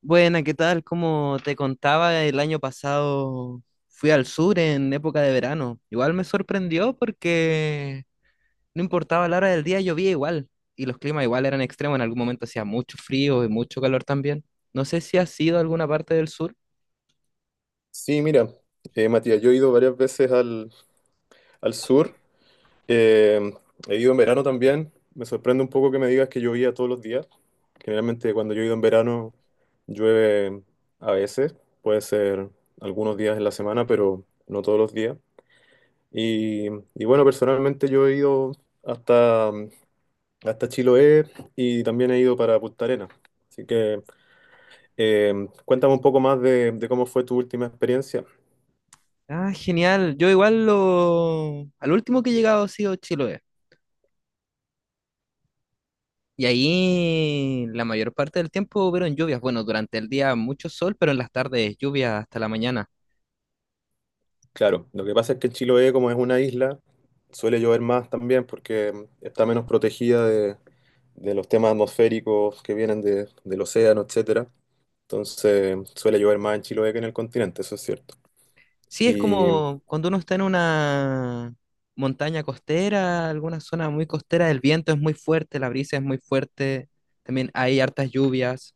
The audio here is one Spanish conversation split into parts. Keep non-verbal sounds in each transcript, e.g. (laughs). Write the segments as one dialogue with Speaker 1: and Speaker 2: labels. Speaker 1: Buena, ¿qué tal? Como te contaba, el año pasado fui al sur en época de verano. Igual me sorprendió porque no importaba la hora del día, llovía igual. Y los climas igual eran extremos. En algún momento hacía mucho frío y mucho calor también. No sé si has ido alguna parte del sur.
Speaker 2: Sí, mira, Matías, yo he ido varias veces al sur, eh, he ido en verano también. Me sorprende un poco que me digas que llovía todos los días, generalmente cuando yo he ido en verano llueve a veces, puede ser algunos días en la semana, pero no todos los días. Y, y bueno, personalmente yo he ido hasta, mm, hasta Chiloé y también he ido para Punta Arenas, así que cuéntame un poco más de cómo fue tu última experiencia.
Speaker 1: Ah, genial. Yo igual lo... Al último que he llegado ha sido Chiloé. Y ahí la mayor parte del tiempo hubieron lluvias. Bueno, durante el día mucho sol, pero en las tardes lluvias hasta la mañana.
Speaker 2: Claro, lo que pasa es que Chiloé, como es una isla, suele llover más también porque está menos protegida de los temas atmosféricos que vienen del océano, etcétera. Entonces, suele llover más en Chiloé que en el continente, eso es cierto.
Speaker 1: Sí, es
Speaker 2: Y
Speaker 1: como cuando uno está en una montaña costera, alguna zona muy costera, el viento es muy fuerte, la brisa es muy fuerte, también hay hartas lluvias.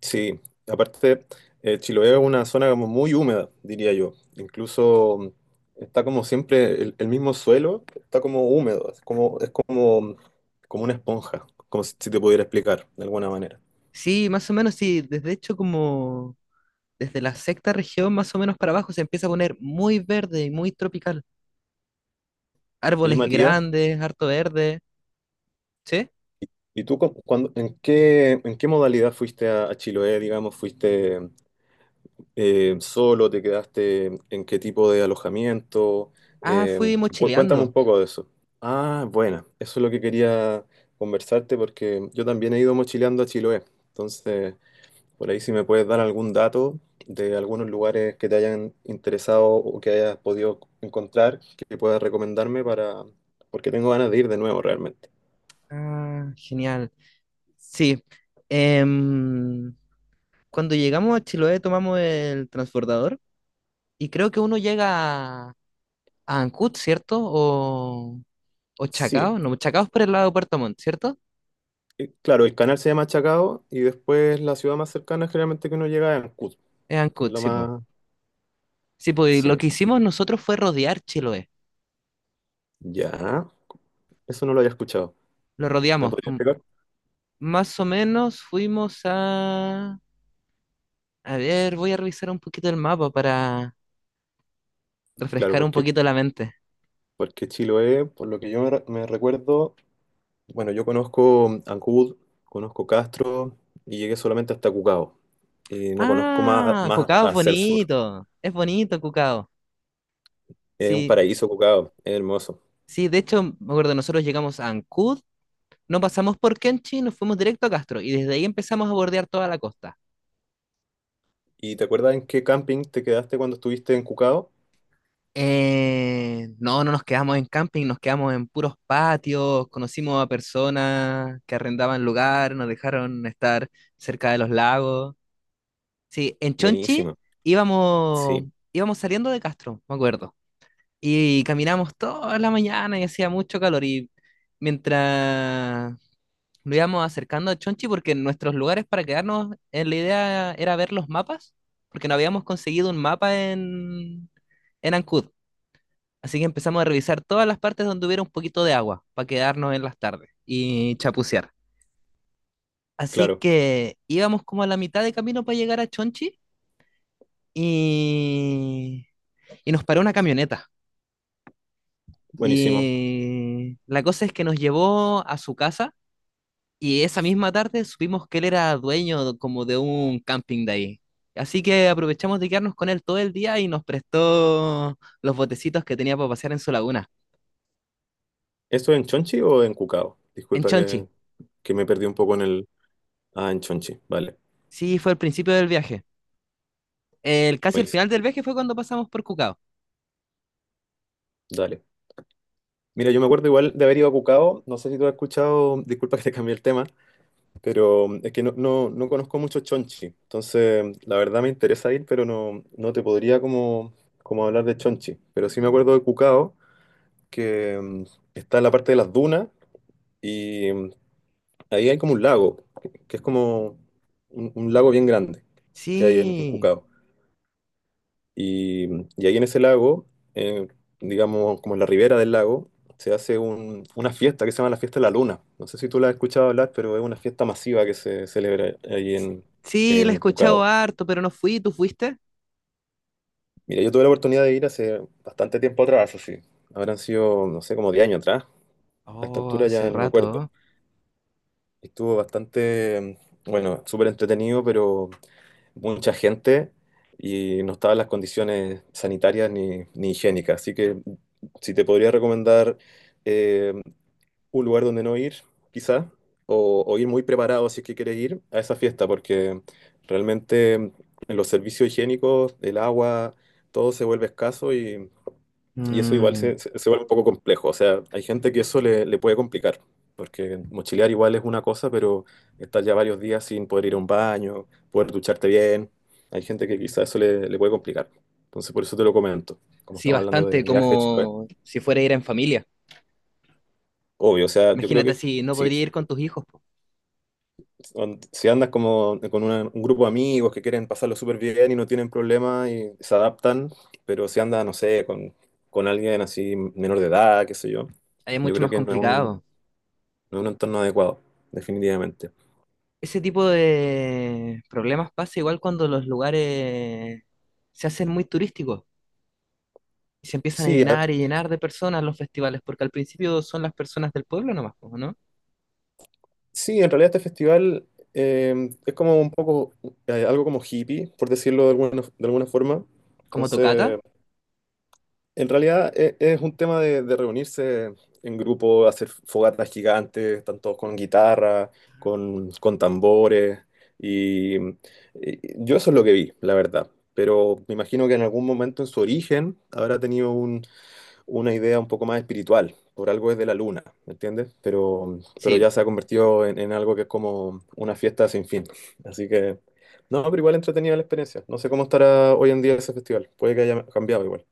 Speaker 2: sí, aparte, Chiloé es una zona como muy húmeda, diría yo. Incluso está como siempre el mismo suelo, está como húmedo, como una esponja, como si te pudiera explicar de alguna manera.
Speaker 1: Sí, más o menos, sí, desde hecho como desde la sexta región más o menos para abajo se empieza a poner muy verde y muy tropical.
Speaker 2: Oye,
Speaker 1: Árboles
Speaker 2: Matías.
Speaker 1: grandes, harto verde, ¿sí?
Speaker 2: ¿Y tú en qué modalidad fuiste a Chiloé, digamos? ¿Fuiste solo? ¿Te quedaste en qué tipo de alojamiento?
Speaker 1: Ah,
Speaker 2: Eh,
Speaker 1: fui
Speaker 2: cuéntame
Speaker 1: mochileando.
Speaker 2: un poco de eso. Ah, bueno, eso es lo que quería conversarte porque yo también he ido mochileando a Chiloé. Entonces, por ahí si me puedes dar algún dato de algunos lugares que te hayan interesado o que hayas podido encontrar, que puedas recomendarme para... porque tengo ganas de ir de nuevo realmente.
Speaker 1: Ah, genial. Sí. em, Cuando llegamos a Chiloé tomamos el transbordador. Y creo que uno llega a Ancud, ¿cierto? O
Speaker 2: Sí,
Speaker 1: Chacao, no, Chacao es por el lado de Puerto Montt, ¿cierto?
Speaker 2: claro, el canal se llama Chacao y después la ciudad más cercana generalmente que uno llega es Ancud,
Speaker 1: Es
Speaker 2: que es
Speaker 1: Ancud,
Speaker 2: la
Speaker 1: sí, pues.
Speaker 2: más...
Speaker 1: Sí, po, y lo
Speaker 2: Sí,
Speaker 1: que hicimos nosotros fue rodear Chiloé.
Speaker 2: ya. Eso no lo había escuchado.
Speaker 1: Lo
Speaker 2: ¿Me
Speaker 1: rodeamos,
Speaker 2: podría explicar?
Speaker 1: más o menos fuimos a... A ver, voy a revisar un poquito el mapa para
Speaker 2: Claro,
Speaker 1: refrescar un
Speaker 2: porque,
Speaker 1: poquito la mente.
Speaker 2: porque Chiloé, por lo que yo me recuerdo, bueno, yo conozco Ancud, conozco Castro y llegué solamente hasta Cucao. Y no conozco más,
Speaker 1: Ah,
Speaker 2: más
Speaker 1: Cucao
Speaker 2: hacia el sur.
Speaker 1: es bonito Cucao.
Speaker 2: Es un
Speaker 1: Sí,
Speaker 2: paraíso Cucao, es hermoso.
Speaker 1: sí, de hecho, me acuerdo, nosotros llegamos a Ancud, no pasamos por Kenchi, nos fuimos directo a Castro y desde ahí empezamos a bordear toda la costa.
Speaker 2: ¿Y te acuerdas en qué camping te quedaste cuando estuviste en Cucao?
Speaker 1: No, no nos quedamos en camping, nos quedamos en puros patios, conocimos a personas que arrendaban lugar, nos dejaron estar cerca de los lagos. Sí, en Chonchi
Speaker 2: Buenísimo,
Speaker 1: íbamos,
Speaker 2: sí,
Speaker 1: íbamos saliendo de Castro, me acuerdo, y caminamos toda la mañana y hacía mucho calor y mientras nos íbamos acercando a Chonchi porque nuestros lugares para quedarnos, la idea era ver los mapas, porque no habíamos conseguido un mapa en Ancud. Así que empezamos a revisar todas las partes donde hubiera un poquito de agua para quedarnos en las tardes y chapucear. Así
Speaker 2: claro,
Speaker 1: que íbamos como a la mitad de camino para llegar a Chonchi y, y nos paró una camioneta.
Speaker 2: buenísimo.
Speaker 1: Y la cosa es que nos llevó a su casa. Y esa misma tarde supimos que él era dueño como de un camping de ahí. Así que aprovechamos de quedarnos con él todo el día y nos prestó los botecitos que tenía para pasear en su laguna,
Speaker 2: ¿Eso en Chonchi o en Cucao?
Speaker 1: en Chonchi.
Speaker 2: Que me perdí un poco en el... Ah, en Chonchi, vale.
Speaker 1: Sí, fue el principio del viaje. El, casi el final
Speaker 2: Buenísimo,
Speaker 1: del viaje fue cuando pasamos por Cucao.
Speaker 2: dale. Mira, yo me acuerdo igual de haber ido a Cucao, no sé si tú has escuchado, disculpa que te cambié el tema, pero es que no conozco mucho Chonchi, entonces la verdad me interesa ir, pero no te podría como hablar de Chonchi, pero sí me acuerdo de Cucao, que está en la parte de las dunas y ahí hay como un lago, que es como un lago bien grande que hay en
Speaker 1: Sí,
Speaker 2: Cucao. Y, y ahí en ese lago, eh, digamos, como en la ribera del lago, se hace una fiesta que se llama la Fiesta de la Luna. No sé si tú la has escuchado hablar, pero es una fiesta masiva que se celebra
Speaker 1: sí, la he
Speaker 2: en
Speaker 1: escuchado
Speaker 2: Cucao.
Speaker 1: harto, pero no fui. ¿Tú fuiste?
Speaker 2: Mira, yo tuve la oportunidad de ir hace bastante tiempo atrás, así. Habrán sido, no sé, como 10 años atrás. A esta
Speaker 1: Oh,
Speaker 2: altura
Speaker 1: hace
Speaker 2: ya ni me acuerdo.
Speaker 1: rato.
Speaker 2: Estuvo bastante, bueno, súper entretenido, pero mucha gente y no estaban las condiciones sanitarias ni higiénicas. Así que si te podría recomendar eh, un lugar donde no ir, quizá, o ir muy preparado si es que quieres ir a esa fiesta, porque realmente en los servicios higiénicos, el agua, todo se vuelve escaso y
Speaker 1: ¿No?
Speaker 2: y eso igual
Speaker 1: Mm,
Speaker 2: se vuelve un poco complejo. O sea, hay gente que le puede complicar, porque mochilear igual es una cosa, pero estar ya varios días sin poder ir a un baño, poder ducharte bien, hay gente que quizás le puede complicar. Entonces, por eso te lo comento. Como
Speaker 1: sí,
Speaker 2: estamos hablando de
Speaker 1: bastante,
Speaker 2: viaje de Chiloé,
Speaker 1: como si fuera a ir en familia.
Speaker 2: obvio, o sea, yo creo
Speaker 1: Imagínate
Speaker 2: que
Speaker 1: si no
Speaker 2: si,
Speaker 1: podría ir con tus hijos, po.
Speaker 2: si andas como con un grupo de amigos que quieren pasarlo súper bien y no tienen problema y se adaptan, pero si andas, no sé, con alguien así menor de edad, qué sé yo,
Speaker 1: Ahí es
Speaker 2: yo
Speaker 1: mucho
Speaker 2: creo
Speaker 1: más
Speaker 2: que
Speaker 1: complicado.
Speaker 2: no es un entorno adecuado, definitivamente.
Speaker 1: Ese tipo de problemas pasa igual cuando los lugares se hacen muy turísticos y se empiezan a
Speaker 2: Sí, a-
Speaker 1: llenar y llenar de personas los festivales, porque al principio son las personas del pueblo nomás, po, ¿no?
Speaker 2: sí, en realidad este festival es como un poco, algo como hippie, por decirlo de alguna forma.
Speaker 1: Como Tocata,
Speaker 2: Entonces, en realidad es un tema de reunirse en grupo, hacer fogatas gigantes, tanto con guitarra, con tambores. Y yo eso es lo que vi, la verdad. Pero me imagino que en algún momento en su origen habrá tenido una idea un poco más espiritual, por algo es de la luna, ¿me entiendes? Pero
Speaker 1: sí.
Speaker 2: ya se ha convertido en algo que es como una fiesta sin fin. Así que no, pero igual entretenida la experiencia. No sé cómo estará hoy en día ese festival, puede que haya cambiado igual.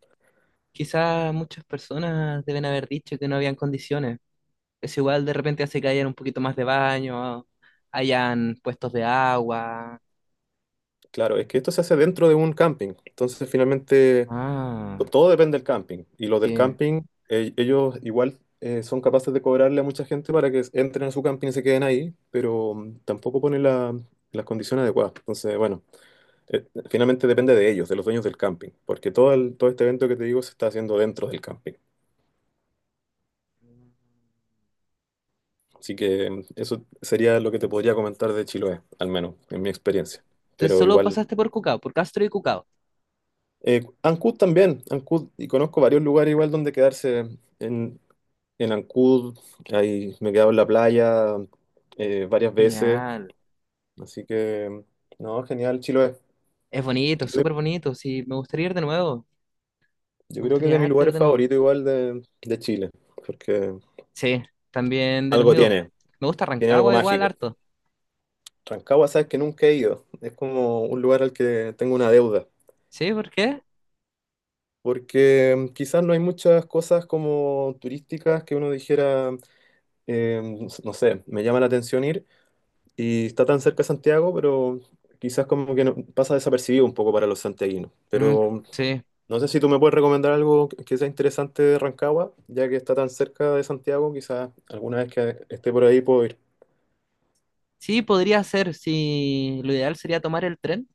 Speaker 1: Quizás muchas personas deben haber dicho que no habían condiciones. Eso igual de repente hace que hayan un poquito más de baño, hayan puestos de agua.
Speaker 2: Claro, es que esto se hace dentro de un camping, entonces finalmente
Speaker 1: Ah,
Speaker 2: todo depende del camping. Y los del
Speaker 1: sí.
Speaker 2: camping, ellos igual... son capaces de cobrarle a mucha gente para que entren a su camping y se queden ahí, pero tampoco ponen las condiciones adecuadas. Entonces, bueno, finalmente depende de ellos, de los dueños del camping, porque todo este evento que te digo se está haciendo dentro del camping. Así que eso sería lo que te podría comentar de Chiloé, al menos en mi experiencia.
Speaker 1: Entonces
Speaker 2: Pero
Speaker 1: solo
Speaker 2: igual,
Speaker 1: pasaste por Cucao, por Castro y Cucao.
Speaker 2: Ancud también, Ancud, y conozco varios lugares igual donde quedarse en Ancud, ahí me he quedado en la playa varias veces,
Speaker 1: Genial.
Speaker 2: así que no, genial Chiloé.
Speaker 1: Es bonito,
Speaker 2: Yo
Speaker 1: súper bonito. Sí, me gustaría ir de nuevo.
Speaker 2: yo
Speaker 1: Me
Speaker 2: creo que es de
Speaker 1: gustaría
Speaker 2: mis
Speaker 1: harto ir
Speaker 2: lugares
Speaker 1: de nuevo.
Speaker 2: favoritos igual de Chile, porque
Speaker 1: Sí, también de los
Speaker 2: algo
Speaker 1: míos.
Speaker 2: tiene,
Speaker 1: Me gusta
Speaker 2: tiene algo
Speaker 1: Rancagua igual
Speaker 2: mágico.
Speaker 1: harto.
Speaker 2: Rancagua, sabes que nunca he ido. Es como un lugar al que tengo una deuda.
Speaker 1: ¿Sí? ¿Por qué?
Speaker 2: Porque quizás no hay muchas cosas como turísticas que uno dijera, eh, no sé, me llama la atención ir. Y está tan cerca de Santiago, pero quizás como que pasa desapercibido un poco para los santiaguinos.
Speaker 1: Mm,
Speaker 2: Pero
Speaker 1: sí.
Speaker 2: no sé si tú me puedes recomendar algo que sea interesante de Rancagua, ya que está tan cerca de Santiago, quizás alguna vez que esté por ahí puedo ir.
Speaker 1: Sí, podría ser. Sí, lo ideal sería tomar el tren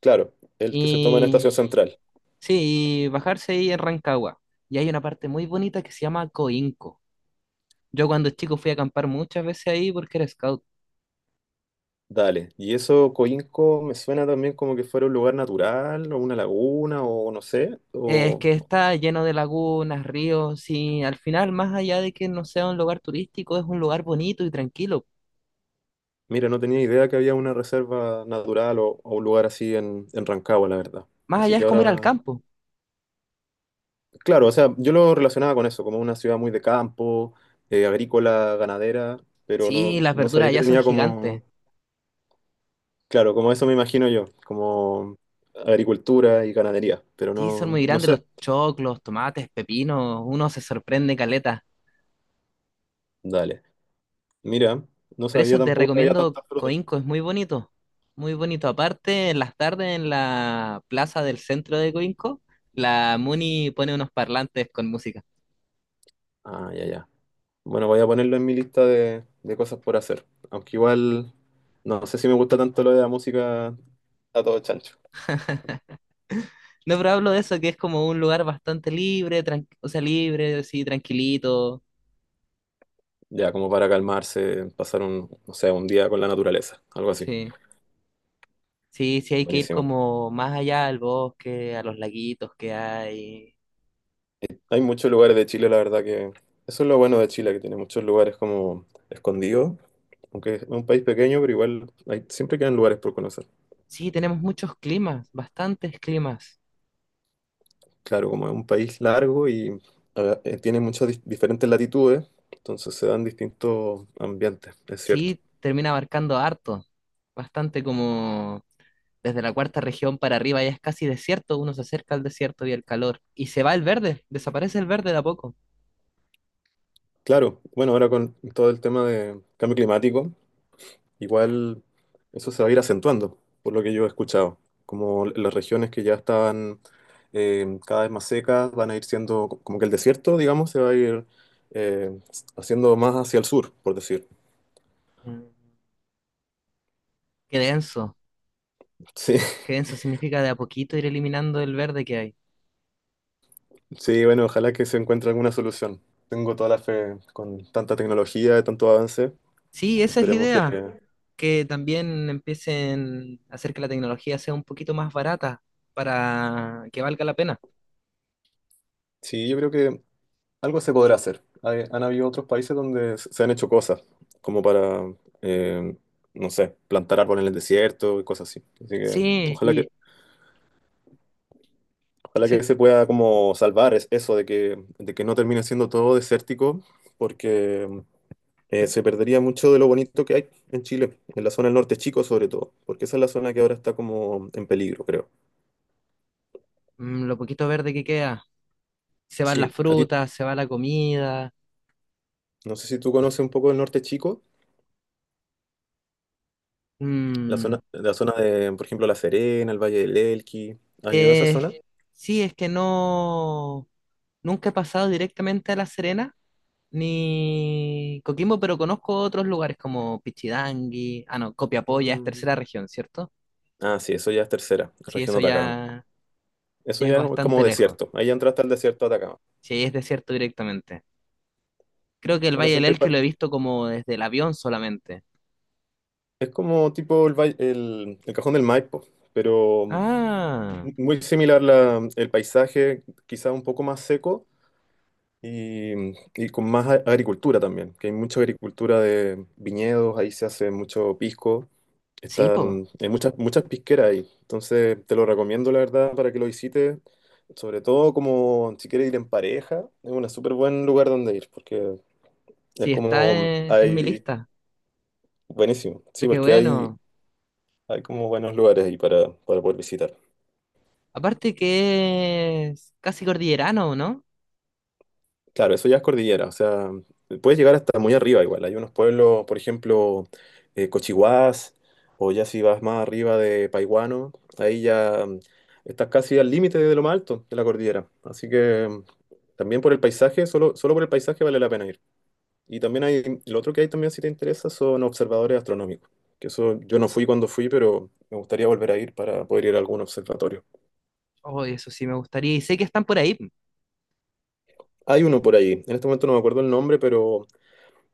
Speaker 2: Claro, el que se toma en
Speaker 1: y
Speaker 2: Estación Central.
Speaker 1: sí, y bajarse ahí en Rancagua. Y hay una parte muy bonita que se llama Coinco. Yo cuando chico fui a acampar muchas veces ahí porque era scout.
Speaker 2: Dale, y eso Coinco me suena también como que fuera un lugar natural o una laguna o no sé,
Speaker 1: Es
Speaker 2: o
Speaker 1: que está lleno de lagunas, ríos y al final, más allá de que no sea un lugar turístico, es un lugar bonito y tranquilo.
Speaker 2: mira, no tenía idea que había una reserva natural o un lugar así en Rancagua, la verdad.
Speaker 1: Más
Speaker 2: Así
Speaker 1: allá es
Speaker 2: que
Speaker 1: como ir al
Speaker 2: ahora,
Speaker 1: campo.
Speaker 2: claro, o sea, yo lo relacionaba con eso, como una ciudad muy de campo, agrícola, ganadera, pero
Speaker 1: Sí,
Speaker 2: no,
Speaker 1: las
Speaker 2: no
Speaker 1: verduras
Speaker 2: sabía que
Speaker 1: allá son
Speaker 2: tenía
Speaker 1: gigantes.
Speaker 2: como, claro, como eso me imagino yo, como agricultura y ganadería, pero
Speaker 1: Sí,
Speaker 2: no,
Speaker 1: son muy
Speaker 2: no
Speaker 1: grandes los
Speaker 2: sé,
Speaker 1: choclos, tomates, pepinos, uno se sorprende caleta.
Speaker 2: dale, mira, no
Speaker 1: Por
Speaker 2: sabía
Speaker 1: eso te
Speaker 2: tampoco que había
Speaker 1: recomiendo
Speaker 2: tantas frutas.
Speaker 1: Coinco, es muy bonito, muy bonito. Aparte, en las tardes en la plaza del centro de Coinco, la Muni pone unos parlantes con música.
Speaker 2: Ah, ya, ya. Bueno, voy a ponerlo en mi lista de cosas por hacer. Aunque igual no sé si me gusta tanto lo de la música a todo chancho.
Speaker 1: No, pero hablo de eso, que es como un lugar bastante libre, o sea, libre, sí, tranquilito.
Speaker 2: Ya, como para calmarse, pasar un, no sé, un día con la naturaleza, algo así.
Speaker 1: Sí, sí, sí, hay que ir
Speaker 2: Buenísimo.
Speaker 1: como más allá al bosque, a los laguitos que hay.
Speaker 2: Hay muchos lugares de Chile, la verdad que eso es lo bueno de Chile, que tiene muchos lugares como escondidos. Aunque es un país pequeño, pero igual hay, siempre quedan lugares por conocer.
Speaker 1: Sí, tenemos muchos climas, bastantes climas.
Speaker 2: Claro, como es un país largo y tiene muchas diferentes latitudes, entonces se dan distintos ambientes, es cierto.
Speaker 1: Sí, termina abarcando harto, bastante como desde la cuarta región para arriba ya es casi desierto, uno se acerca al desierto y al calor, y se va el verde, desaparece el verde de a poco.
Speaker 2: Claro, bueno, ahora con todo el tema de cambio climático, igual eso se va a ir acentuando, por lo que yo he escuchado. Como las regiones que ya estaban cada vez más secas van a ir como que el desierto, digamos, se va a ir haciendo más hacia el sur, por decir.
Speaker 1: Mm. Qué denso,
Speaker 2: Sí,
Speaker 1: qué denso significa de a poquito ir eliminando el verde que hay.
Speaker 2: (laughs) sí, bueno, ojalá que se encuentre alguna solución. Tengo toda la fe con tanta tecnología, tanto avance.
Speaker 1: Sí, esa es la
Speaker 2: Esperemos que...
Speaker 1: idea, que también empiecen a hacer que la tecnología sea un poquito más barata para que valga la pena.
Speaker 2: Sí, yo creo que algo se podrá hacer. Han habido otros países donde se han hecho cosas, como para, eh, no sé, plantar árboles en el desierto y cosas así. Así que
Speaker 1: Sí,
Speaker 2: ojalá que,
Speaker 1: y
Speaker 2: ojalá
Speaker 1: sí,
Speaker 2: que se pueda como salvar eso de que no termine siendo todo desértico, porque se perdería mucho de lo bonito que hay en Chile, en la zona del norte chico sobre todo, porque esa es la zona que ahora está como en peligro, creo.
Speaker 1: mm, lo poquito verde que queda, se van
Speaker 2: Sí,
Speaker 1: las
Speaker 2: a ti,
Speaker 1: frutas, se va la comida.
Speaker 2: no sé si tú conoces un poco el norte chico,
Speaker 1: Mm.
Speaker 2: la zona de, por ejemplo, La Serena, el Valle del Elqui. ¿Has ido a esa
Speaker 1: Eh,
Speaker 2: zona?
Speaker 1: sí, es que no, nunca he pasado directamente a La Serena ni Coquimbo, pero conozco otros lugares como Pichidangui, ah no, Copiapó ya es tercera
Speaker 2: Mm.
Speaker 1: región, ¿cierto?
Speaker 2: Ah, sí, eso ya es tercera,
Speaker 1: Sí,
Speaker 2: región
Speaker 1: eso
Speaker 2: de Atacama.
Speaker 1: ya,
Speaker 2: Eso
Speaker 1: ya es
Speaker 2: ya es como
Speaker 1: bastante lejos,
Speaker 2: desierto. Ahí ya entraste al desierto de Atacama.
Speaker 1: sí, ahí es desierto directamente. Creo que el
Speaker 2: Bueno,
Speaker 1: Valle del
Speaker 2: siempre hay
Speaker 1: Elqui lo he
Speaker 2: parte.
Speaker 1: visto como desde el avión solamente.
Speaker 2: Es como tipo el Cajón del Maipo, pero
Speaker 1: Ah,
Speaker 2: muy similar el paisaje, quizá un poco más seco. Y, y con más agricultura también, que hay mucha agricultura de viñedos, ahí se hace mucho pisco,
Speaker 1: sí, po,
Speaker 2: están, hay muchas pisqueras ahí, entonces te lo recomiendo la verdad para que lo visites, sobre todo como si quieres ir en pareja, es un súper buen lugar donde ir, porque es
Speaker 1: sí, está
Speaker 2: como
Speaker 1: en mi lista,
Speaker 2: buenísimo, sí,
Speaker 1: pero qué
Speaker 2: porque
Speaker 1: bueno.
Speaker 2: hay como buenos lugares ahí para poder visitar.
Speaker 1: Aparte que es casi cordillerano, ¿no?
Speaker 2: Claro, eso ya es cordillera, o sea, puedes llegar hasta muy arriba igual. Hay unos pueblos, por ejemplo, Cochihuás, o ya si vas más arriba de Paihuano, ahí ya estás casi al límite de lo más alto de la cordillera. Así que también por el paisaje, solo por el paisaje vale la pena ir. Y también hay, lo otro que hay también si te interesa son observadores astronómicos, que eso yo no fui cuando fui, pero me gustaría volver a ir para poder ir a algún observatorio.
Speaker 1: Oh, eso sí me gustaría. Y sé que están por ahí.
Speaker 2: Hay uno por ahí, en este momento no me acuerdo el nombre, pero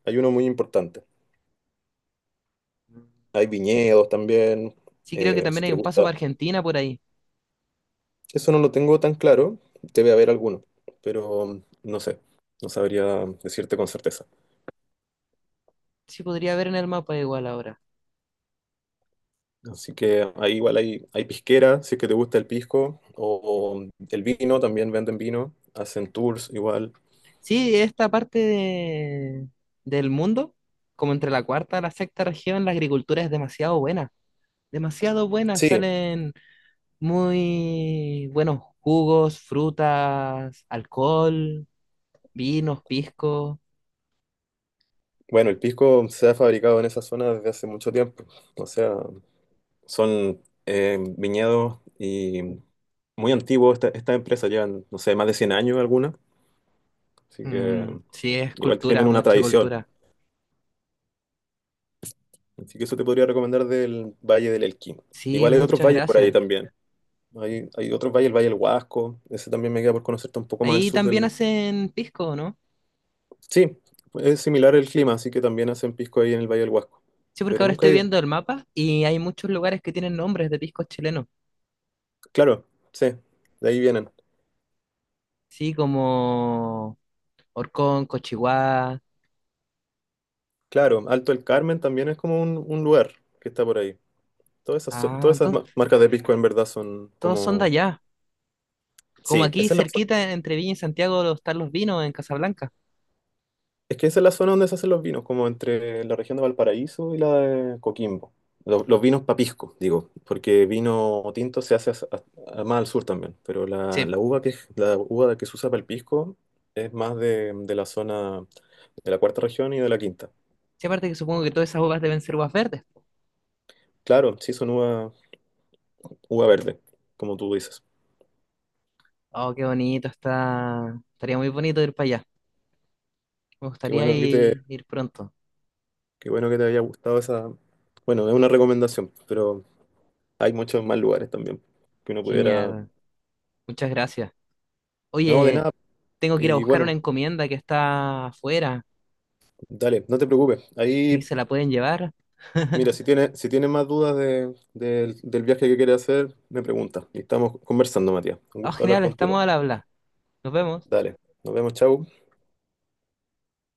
Speaker 2: hay uno muy importante. Hay viñedos también,
Speaker 1: Sí, creo que
Speaker 2: si
Speaker 1: también hay
Speaker 2: te
Speaker 1: un paso
Speaker 2: gusta.
Speaker 1: para Argentina por ahí.
Speaker 2: Eso no lo tengo tan claro, debe haber alguno, pero no sé, no sabría decirte con certeza.
Speaker 1: Sí, podría ver en el mapa igual ahora.
Speaker 2: Así que ahí igual hay pisquera, si es que te gusta el pisco, o el vino, también venden vino, hacen tours igual.
Speaker 1: Sí, esta parte del mundo, como entre la cuarta y la sexta región, la agricultura es demasiado buena. Demasiado buena.
Speaker 2: Sí,
Speaker 1: Salen muy buenos jugos, frutas, alcohol, vinos, pisco.
Speaker 2: bueno, el pisco se ha fabricado en esa zona desde hace mucho tiempo, o sea, son viñedos y muy antiguos, estas empresas llevan, no sé, más de 100 años algunas. Así que
Speaker 1: Mm, sí, es
Speaker 2: igual
Speaker 1: cultura,
Speaker 2: tienen una
Speaker 1: mucha
Speaker 2: tradición.
Speaker 1: cultura.
Speaker 2: Así que eso te podría recomendar del Valle del Elqui.
Speaker 1: Sí,
Speaker 2: Igual hay otros
Speaker 1: muchas
Speaker 2: valles por ahí
Speaker 1: gracias.
Speaker 2: también. Hay otros valles, el Valle del Huasco. Ese también me queda por conocerte un poco más al
Speaker 1: Ahí
Speaker 2: sur
Speaker 1: también
Speaker 2: del...
Speaker 1: hacen pisco, ¿no?
Speaker 2: Sí, es similar el clima, así que también hacen pisco ahí en el Valle del Huasco.
Speaker 1: Sí, porque
Speaker 2: Pero
Speaker 1: ahora
Speaker 2: nunca
Speaker 1: estoy
Speaker 2: he ido.
Speaker 1: viendo el mapa y hay muchos lugares que tienen nombres de piscos chilenos.
Speaker 2: Claro, sí, de ahí vienen.
Speaker 1: Sí, como Orcón, Cochiguá.
Speaker 2: Claro, Alto el Carmen también es como un lugar que está por ahí.
Speaker 1: Ah,
Speaker 2: Todas esas
Speaker 1: entonces
Speaker 2: marcas de pisco en verdad son
Speaker 1: todos son de
Speaker 2: como...
Speaker 1: allá. Como
Speaker 2: Sí,
Speaker 1: aquí
Speaker 2: esa es la...
Speaker 1: cerquita entre Viña y Santiago están los vinos en Casablanca.
Speaker 2: Es que esa es la zona donde se hacen los vinos, como entre la región de Valparaíso y la de Coquimbo. Vinos papisco, digo, porque vino tinto se hace más al sur también, pero
Speaker 1: Sí,
Speaker 2: la uva la uva que se usa para el pisco es más de la zona de la 4.ª región y de la 5.ª.
Speaker 1: sí, aparte que supongo que todas esas uvas deben ser uvas verdes.
Speaker 2: Claro, uva verde, como tú dices.
Speaker 1: Oh, qué bonito está. Estaría muy bonito ir para allá. Me
Speaker 2: Qué
Speaker 1: gustaría
Speaker 2: bueno que te,
Speaker 1: ir, ir pronto.
Speaker 2: qué bueno que te haya gustado esa. Bueno, es una recomendación, pero hay muchos más lugares también que uno pudiera.
Speaker 1: Genial. Muchas gracias.
Speaker 2: No, de
Speaker 1: Oye,
Speaker 2: nada.
Speaker 1: tengo que ir a
Speaker 2: Y
Speaker 1: buscar
Speaker 2: bueno,
Speaker 1: una encomienda que está afuera.
Speaker 2: dale, no te preocupes.
Speaker 1: ¿Sí?
Speaker 2: Ahí,
Speaker 1: ¿Se la pueden llevar?
Speaker 2: mira,
Speaker 1: (laughs)
Speaker 2: si tiene más dudas del del viaje que quieres hacer, me pregunta. Y estamos conversando, Matías. Un
Speaker 1: Ah,
Speaker 2: gusto hablar
Speaker 1: genial,
Speaker 2: contigo.
Speaker 1: estamos al habla. Nos vemos.
Speaker 2: Dale, nos vemos, chau.